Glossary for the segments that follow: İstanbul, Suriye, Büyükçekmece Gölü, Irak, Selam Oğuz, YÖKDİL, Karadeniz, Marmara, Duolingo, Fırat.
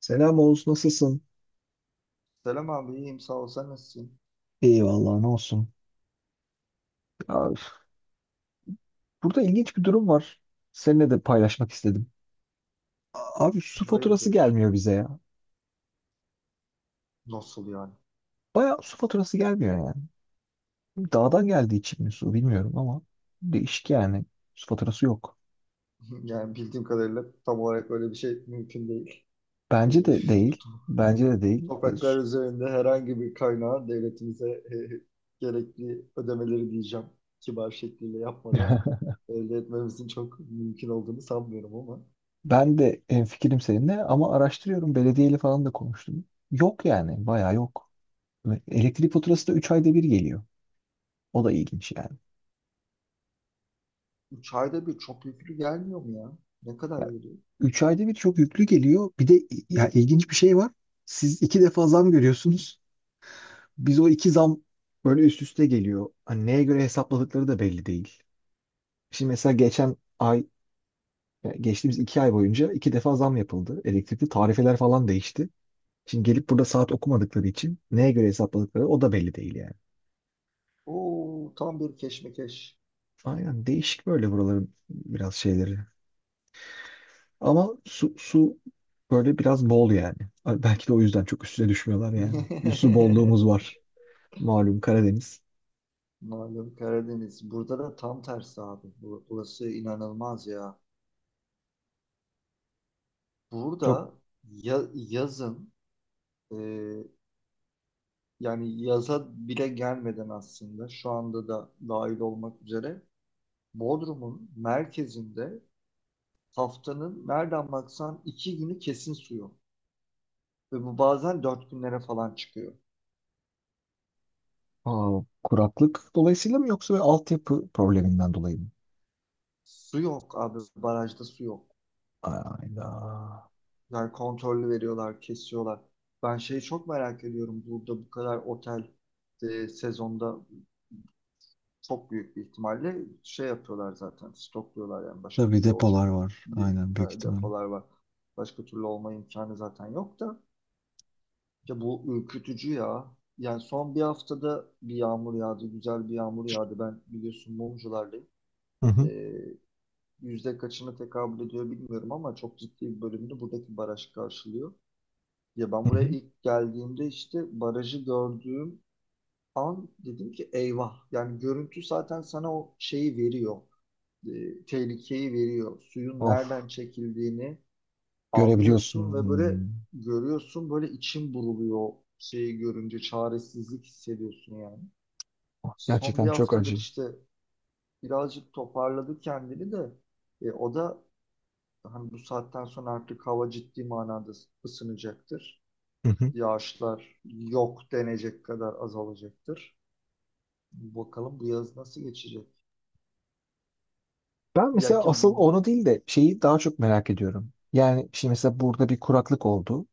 Selam Oğuz, nasılsın? Selam abi iyiyim sağ ol sen nasılsın? Eyvallah ne olsun. Abi, burada ilginç bir durum var. Seninle de paylaşmak istedim. Abi su faturası Hayırdır? gelmiyor bize ya. Nasıl yani? Bayağı su faturası gelmiyor yani. Dağdan geldiği için mi su bilmiyorum ama değişik yani. Su faturası yok. Yani bildiğim kadarıyla tam olarak öyle bir şey mümkün değil. Ee, Bence de bu değil. to- Bence de değil. Topraklar Öz- üzerinde herhangi bir kaynağı devletimize gerekli ödemeleri diyeceğim kibar şekliyle yapmadan elde etmemizin çok mümkün olduğunu sanmıyorum ama Ben de hemfikirim seninle ama araştırıyorum. Belediyeyle falan da konuştum. Yok yani. Bayağı yok. Ve elektrik faturası da 3 ayda bir geliyor. O da ilginç yani. 3 ayda bir çok yüklü gelmiyor mu ya? Ne kadar geliyor? 3 ayda bir çok yüklü geliyor. Bir de ya ilginç bir şey var. Siz iki defa zam görüyorsunuz. Biz o iki zam böyle üst üste geliyor. Hani neye göre hesapladıkları da belli değil. Şimdi mesela geçen ay, yani geçtiğimiz iki ay boyunca iki defa zam yapıldı. Elektrikli tarifeler falan değişti. Şimdi gelip burada saat okumadıkları için neye göre hesapladıkları o da belli değil yani. Oo tam bir keşmekeş. Aynen değişik böyle buraların biraz şeyleri. Ama su böyle biraz bol yani. Belki de o yüzden çok üstüne düşmüyorlar yani. Bir su bolluğumuz var. Malum Karadeniz. Malum Karadeniz. Burada da tam tersi abi. Burası inanılmaz ya. Çok Burada yazın e, yani yaza bile gelmeden aslında şu anda da dahil olmak üzere Bodrum'un merkezinde haftanın nereden baksan iki günü kesin su yok. Ve bu bazen dört günlere falan çıkıyor. Kuraklık dolayısıyla mı yoksa böyle altyapı probleminden dolayı mı? Su yok abi. Barajda su yok. Ayda. Yani kontrollü veriyorlar, kesiyorlar. Ben şeyi çok merak ediyorum. Burada bu kadar otel sezonda çok büyük bir ihtimalle şey yapıyorlar zaten. Stokluyorlar yani başka Tabii türlü olacak depolar var. bir Aynen büyük ihtimalle. depolar var. Başka türlü olma imkanı zaten yok da. Ya bu ürkütücü ya. Yani son bir haftada bir yağmur yağdı. Güzel bir yağmur yağdı. Ben biliyorsun mumculardayım. Hı hı. Ee, yüzde kaçını tekabül ediyor bilmiyorum ama çok ciddi bir bölümünü buradaki baraj karşılıyor. Ya ben Hı buraya hı. ilk geldiğimde işte barajı gördüğüm an dedim ki eyvah. Yani görüntü zaten sana o şeyi veriyor, tehlikeyi veriyor. Suyun Of nereden çekildiğini görebiliyorsun. anlıyorsun ve böyle Hmm. görüyorsun, böyle içim buruluyor o şeyi görünce, çaresizlik hissediyorsun yani. Of, Son bir gerçekten çok haftadır acı. işte birazcık toparladı kendini de o da hani bu saatten sonra artık hava ciddi manada ısınacaktır. Hı hı. Yağışlar yok denecek kadar azalacaktır. Bakalım bu yaz nasıl geçecek? Ben Ya mesela ki asıl onu değil de şeyi daha çok merak ediyorum. Yani şimdi mesela burada bir kuraklık oldu.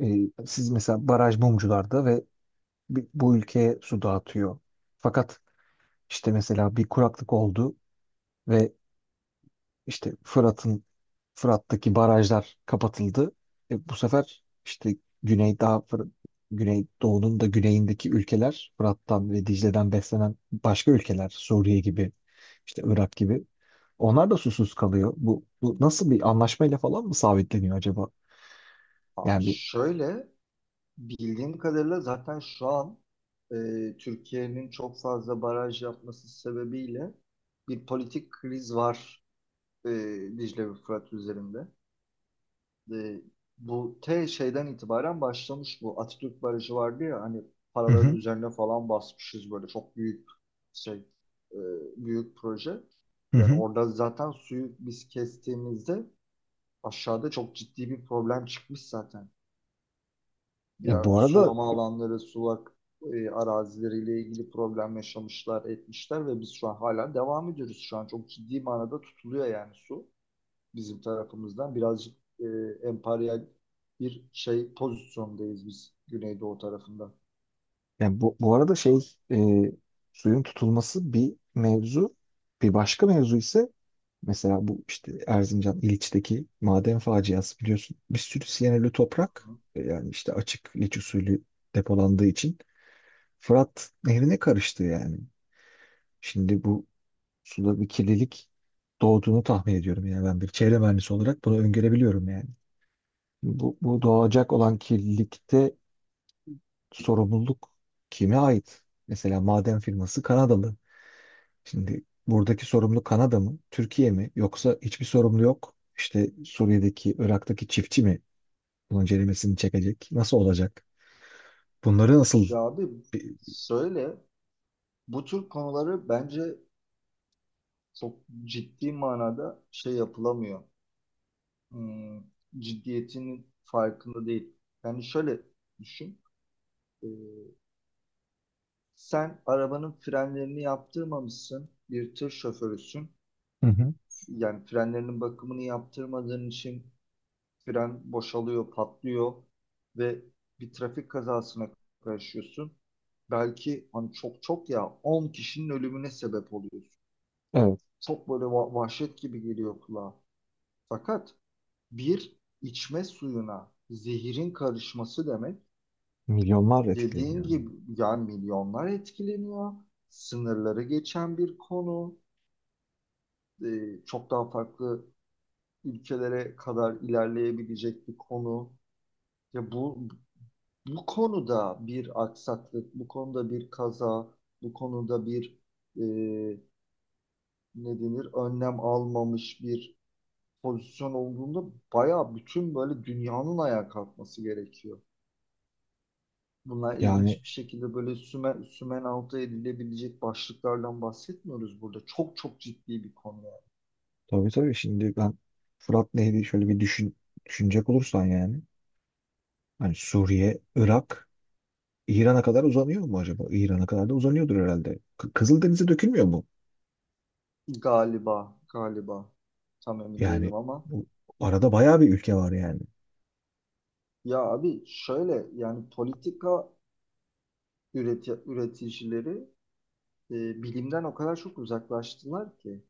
Siz mesela baraj mumcularda ve bi- bu ülkeye su dağıtıyor. Fakat işte mesela bir kuraklık oldu ve İşte Fırat'ın Fırat'taki barajlar kapatıldı. Bu sefer işte güney daha Fır- Güneydoğu'nun da güneyindeki ülkeler Fırat'tan ve Dicle'den beslenen başka ülkeler Suriye gibi işte Irak gibi onlar da susuz kalıyor. Bu nasıl bir anlaşmayla falan mı sabitleniyor acaba? abi Yani bir. şöyle bildiğim kadarıyla zaten şu an e, Türkiye'nin çok fazla baraj yapması sebebiyle bir politik kriz var, e, Dicle ve Fırat üzerinde. E, Bu şeyden itibaren başlamış bu. Atatürk Barajı vardı ya hani, Hı paraların hı. üzerine falan basmışız, böyle çok büyük şey, e, büyük proje. Hı Yani hı. orada zaten suyu biz kestiğimizde aşağıda çok ciddi bir problem çıkmış zaten. E, Diğer bu arada sulama alanları, sulak arazileriyle ilgili problem yaşamışlar, etmişler ve biz şu an hala devam ediyoruz. Şu an çok ciddi manada tutuluyor yani su bizim tarafımızdan. Birazcık emperyal bir şey pozisyondayız biz Güneydoğu tarafında. yani bu arada şey suyun tutulması bir mevzu. Bir başka mevzu ise mesela bu işte Erzincan İliç'teki maden faciası biliyorsun. Bir sürü siyanürlü toprak yani işte açık liç usulü depolandığı için Fırat Nehri'ne karıştı yani. Şimdi bu suda bir kirlilik doğduğunu tahmin ediyorum yani ben bir çevre mühendisi olarak bunu öngörebiliyorum yani. Bu doğacak olan kirlilikte sorumluluk kime ait? Mesela maden firması Kanadalı. Şimdi buradaki sorumlu Kanada mı, Türkiye mi yoksa hiçbir sorumlu yok? İşte Suriye'deki, Irak'taki çiftçi mi bunun ceremesini çekecek? Nasıl olacak? Bunları nasıl. Ya abi söyle, bu tür konuları bence çok ciddi manada şey yapılamıyor. Hmm, ciddiyetinin farkında değil. Yani şöyle düşün. e, Sen arabanın frenlerini yaptırmamışsın. Bir tır şoförüsün. Hı hı. Yani frenlerinin bakımını yaptırmadığın için fren boşalıyor, patlıyor ve bir trafik kazasına karışıyorsun. Belki hani çok çok ya 10 kişinin ölümüne sebep oluyorsun. Evet, Çok böyle vahşet gibi geliyor kulağa. Fakat bir içme suyuna zehirin karışması demek, milyonlar dediğin etkileniyor. gibi yani milyonlar etkileniyor. Sınırları geçen bir konu, çok daha farklı ülkelere kadar ilerleyebilecek bir konu. Ya bu, bu konuda bir aksaklık, bu konuda bir kaza, bu konuda bir e, ne denir önlem almamış bir pozisyon olduğunda, bayağı bütün böyle dünyanın ayağa kalkması gerekiyor. Bunlar Yani ilginç bir şekilde böyle sümen, sümen altı edilebilecek başlıklardan bahsetmiyoruz burada. Çok çok ciddi bir konu yani. tabii tabii şimdi ben Fırat Nehri şöyle bir düşün, düşünecek olursan yani hani Suriye, Irak, İran'a kadar uzanıyor mu acaba? İran'a kadar da uzanıyordur herhalde. K- Kızıldeniz'e dökülmüyor mu? Galiba, galiba. Tam emin Yani değilim ama. bu arada bayağı bir ülke var yani. Ya abi şöyle, yani politika üreticileri bilimden o kadar çok uzaklaştılar ki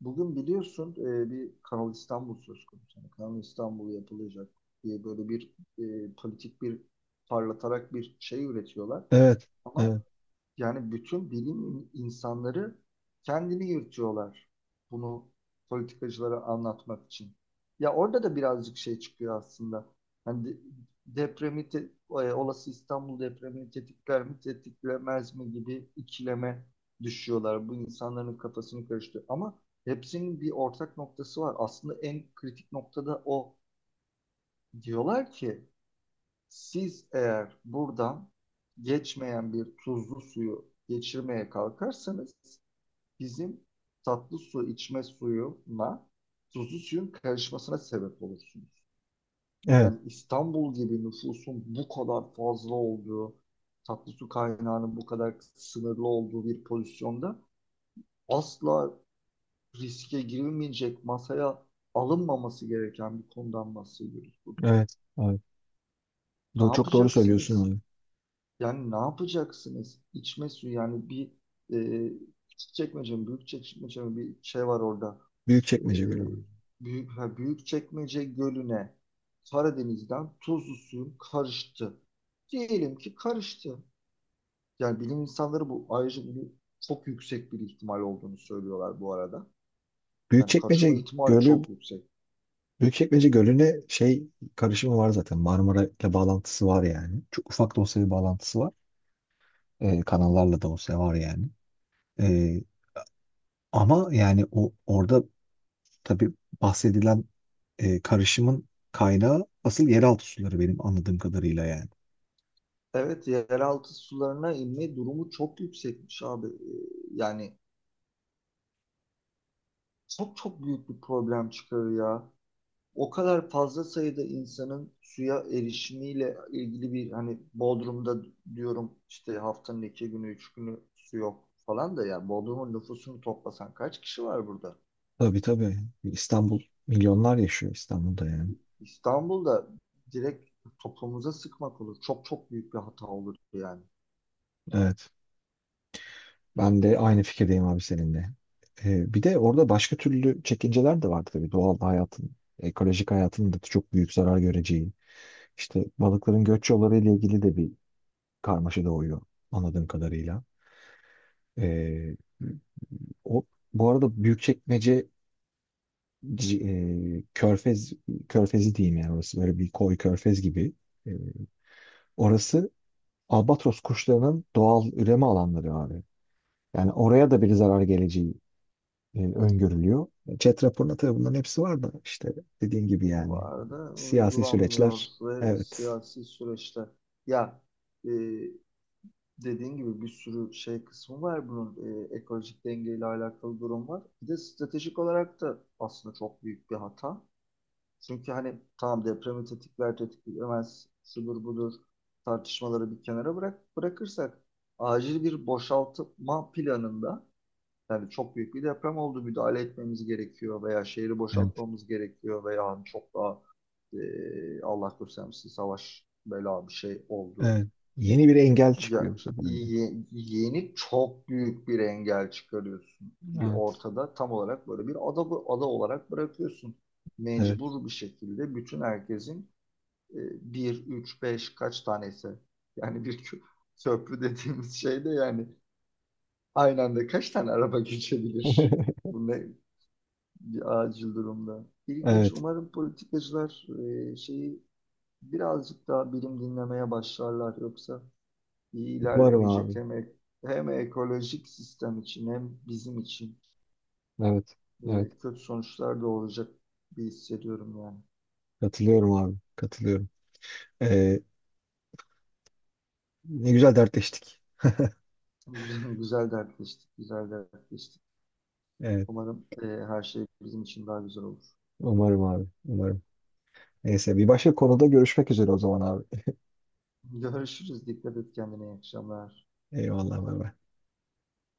bugün biliyorsun, bir Kanal İstanbul söz konusu. Yani Kanal İstanbul yapılacak diye böyle bir politik bir parlatarak bir şey üretiyorlar Evet, ama evet, yani bütün bilim insanları kendini yırtıyorlar bunu politikacılara anlatmak için. Ya orada da birazcık şey çıkıyor aslında. Hani olası İstanbul depremini tetikler mi, tetiklemez mi gibi ikileme düşüyorlar. Bu insanların kafasını karıştırıyor. Ama hepsinin bir ortak noktası var. Aslında en kritik noktada o. Diyorlar ki siz eğer buradan geçmeyen bir tuzlu suyu geçirmeye kalkarsanız, bizim tatlı su içme suyuna tuzlu suyun karışmasına sebep olursunuz. evet, Yani İstanbul gibi nüfusun bu kadar fazla olduğu, tatlı su kaynağının bu kadar sınırlı olduğu bir pozisyonda asla riske girilmeyecek, masaya alınmaması gereken bir konudan bahsediyoruz burada. evet. Abi. Ne Do- çok doğru söylüyorsun yapacaksınız? abi. Yani ne yapacaksınız? İçme suyu yani bir e, küçük çekmece mi, büyük çekmece mi, bir şey var orada. E, Büyükçekmece Gölü var. Büyük ha, büyük çekmece gölüne Karadeniz'den tuzlu suyun karıştı. Diyelim ki karıştı. Yani bilim insanları bu, ayrıca bunu çok yüksek bir ihtimal olduğunu söylüyorlar bu arada. Yani Büyükçekmece karışma ihtimali Gölü, çok yüksek. Büyükçekmece Gölü'ne şey karışımı var zaten. Marmara ile bağlantısı var yani. Çok ufak da olsa bir bağlantısı var. Kanallarla da olsa var yani. Ee, Ama yani o orada tabii bahsedilen karışımın kaynağı asıl yeraltı suları benim anladığım kadarıyla yani. Evet, yeraltı sularına inme durumu çok yüksekmiş abi. Yani çok çok büyük bir problem çıkarıyor ya. O kadar fazla sayıda insanın suya erişimiyle ilgili bir, hani Bodrum'da diyorum işte haftanın iki günü, üç günü su yok falan da, yani Bodrum'un nüfusunu toplasan kaç kişi var burada? Tabii tabii. İstanbul milyonlar yaşıyor İstanbul'da yani. İstanbul'da direkt toplumuza sıkmak olur. Çok çok büyük bir hata olur yani. Evet. Ben de aynı fikirdeyim abi seninle. Bir de orada başka türlü çekinceler de var tabii. Doğal hayatın, ekolojik hayatın da çok büyük zarar göreceği. İşte balıkların göç yolları ile ilgili de bir karmaşa doğuyor anladığım kadarıyla. Ee, o, bu arada Büyükçekmece c- Körfez Körfezi diyeyim yani orası böyle bir koy körfez gibi. Ee, orası albatros kuşlarının doğal üreme alanları abi. Yani oraya da bir zarar geleceği öngörülüyor. Chat raporunda tabii bunların hepsi var da işte dediğim gibi Bu yani arada siyasi uygulanmıyor süreçler. ve Evet. siyasi süreçte ya, e, dediğin gibi bir sürü şey kısmı var bunun, ekolojik dengeyle alakalı durum var. Bir de stratejik olarak da aslında çok büyük bir hata. Çünkü hani tamam, depremi tetikler tetiklemez şudur budur tartışmaları bir kenara bırakırsak, acil bir boşaltma planında, yani çok büyük bir deprem oldu, müdahale etmemiz gerekiyor veya şehri Evet. boşaltmamız gerekiyor veya hani çok daha Allah göstermesin savaş bela bir şey oldu, Evet. Yeni bir engel ya, çıkıyor bu sefer yani. Yeni çok büyük bir engel çıkarıyorsun, bir Evet. ortada tam olarak böyle bir ada, ada olarak bırakıyorsun. Evet. Mecbur bir şekilde bütün herkesin bir, üç, beş kaç tanesi yani bir köprü dediğimiz şey de yani aynı anda kaç tane araba geçebilir? Bu ne, bir acil durumda. İlginç. Evet. Umarım politikacılar şeyi birazcık daha bilim dinlemeye başlarlar, yoksa iyi Umarım ilerlemeyecek abi. hem, hem ekolojik sistem için hem bizim için Evet. Evet. kötü sonuçlar da olacak bir hissediyorum yani. Katılıyorum abi. Katılıyorum. Ee, ne güzel dertleştik. Güzel, güzel dertleştik, güzel dertleştik. Evet. Umarım her şey bizim için daha güzel olur. Umarım abi. Umarım. Neyse bir başka konuda görüşmek üzere o zaman abi. Görüşürüz. Dikkat et kendine. İyi akşamlar. Eyvallah. Bay bay.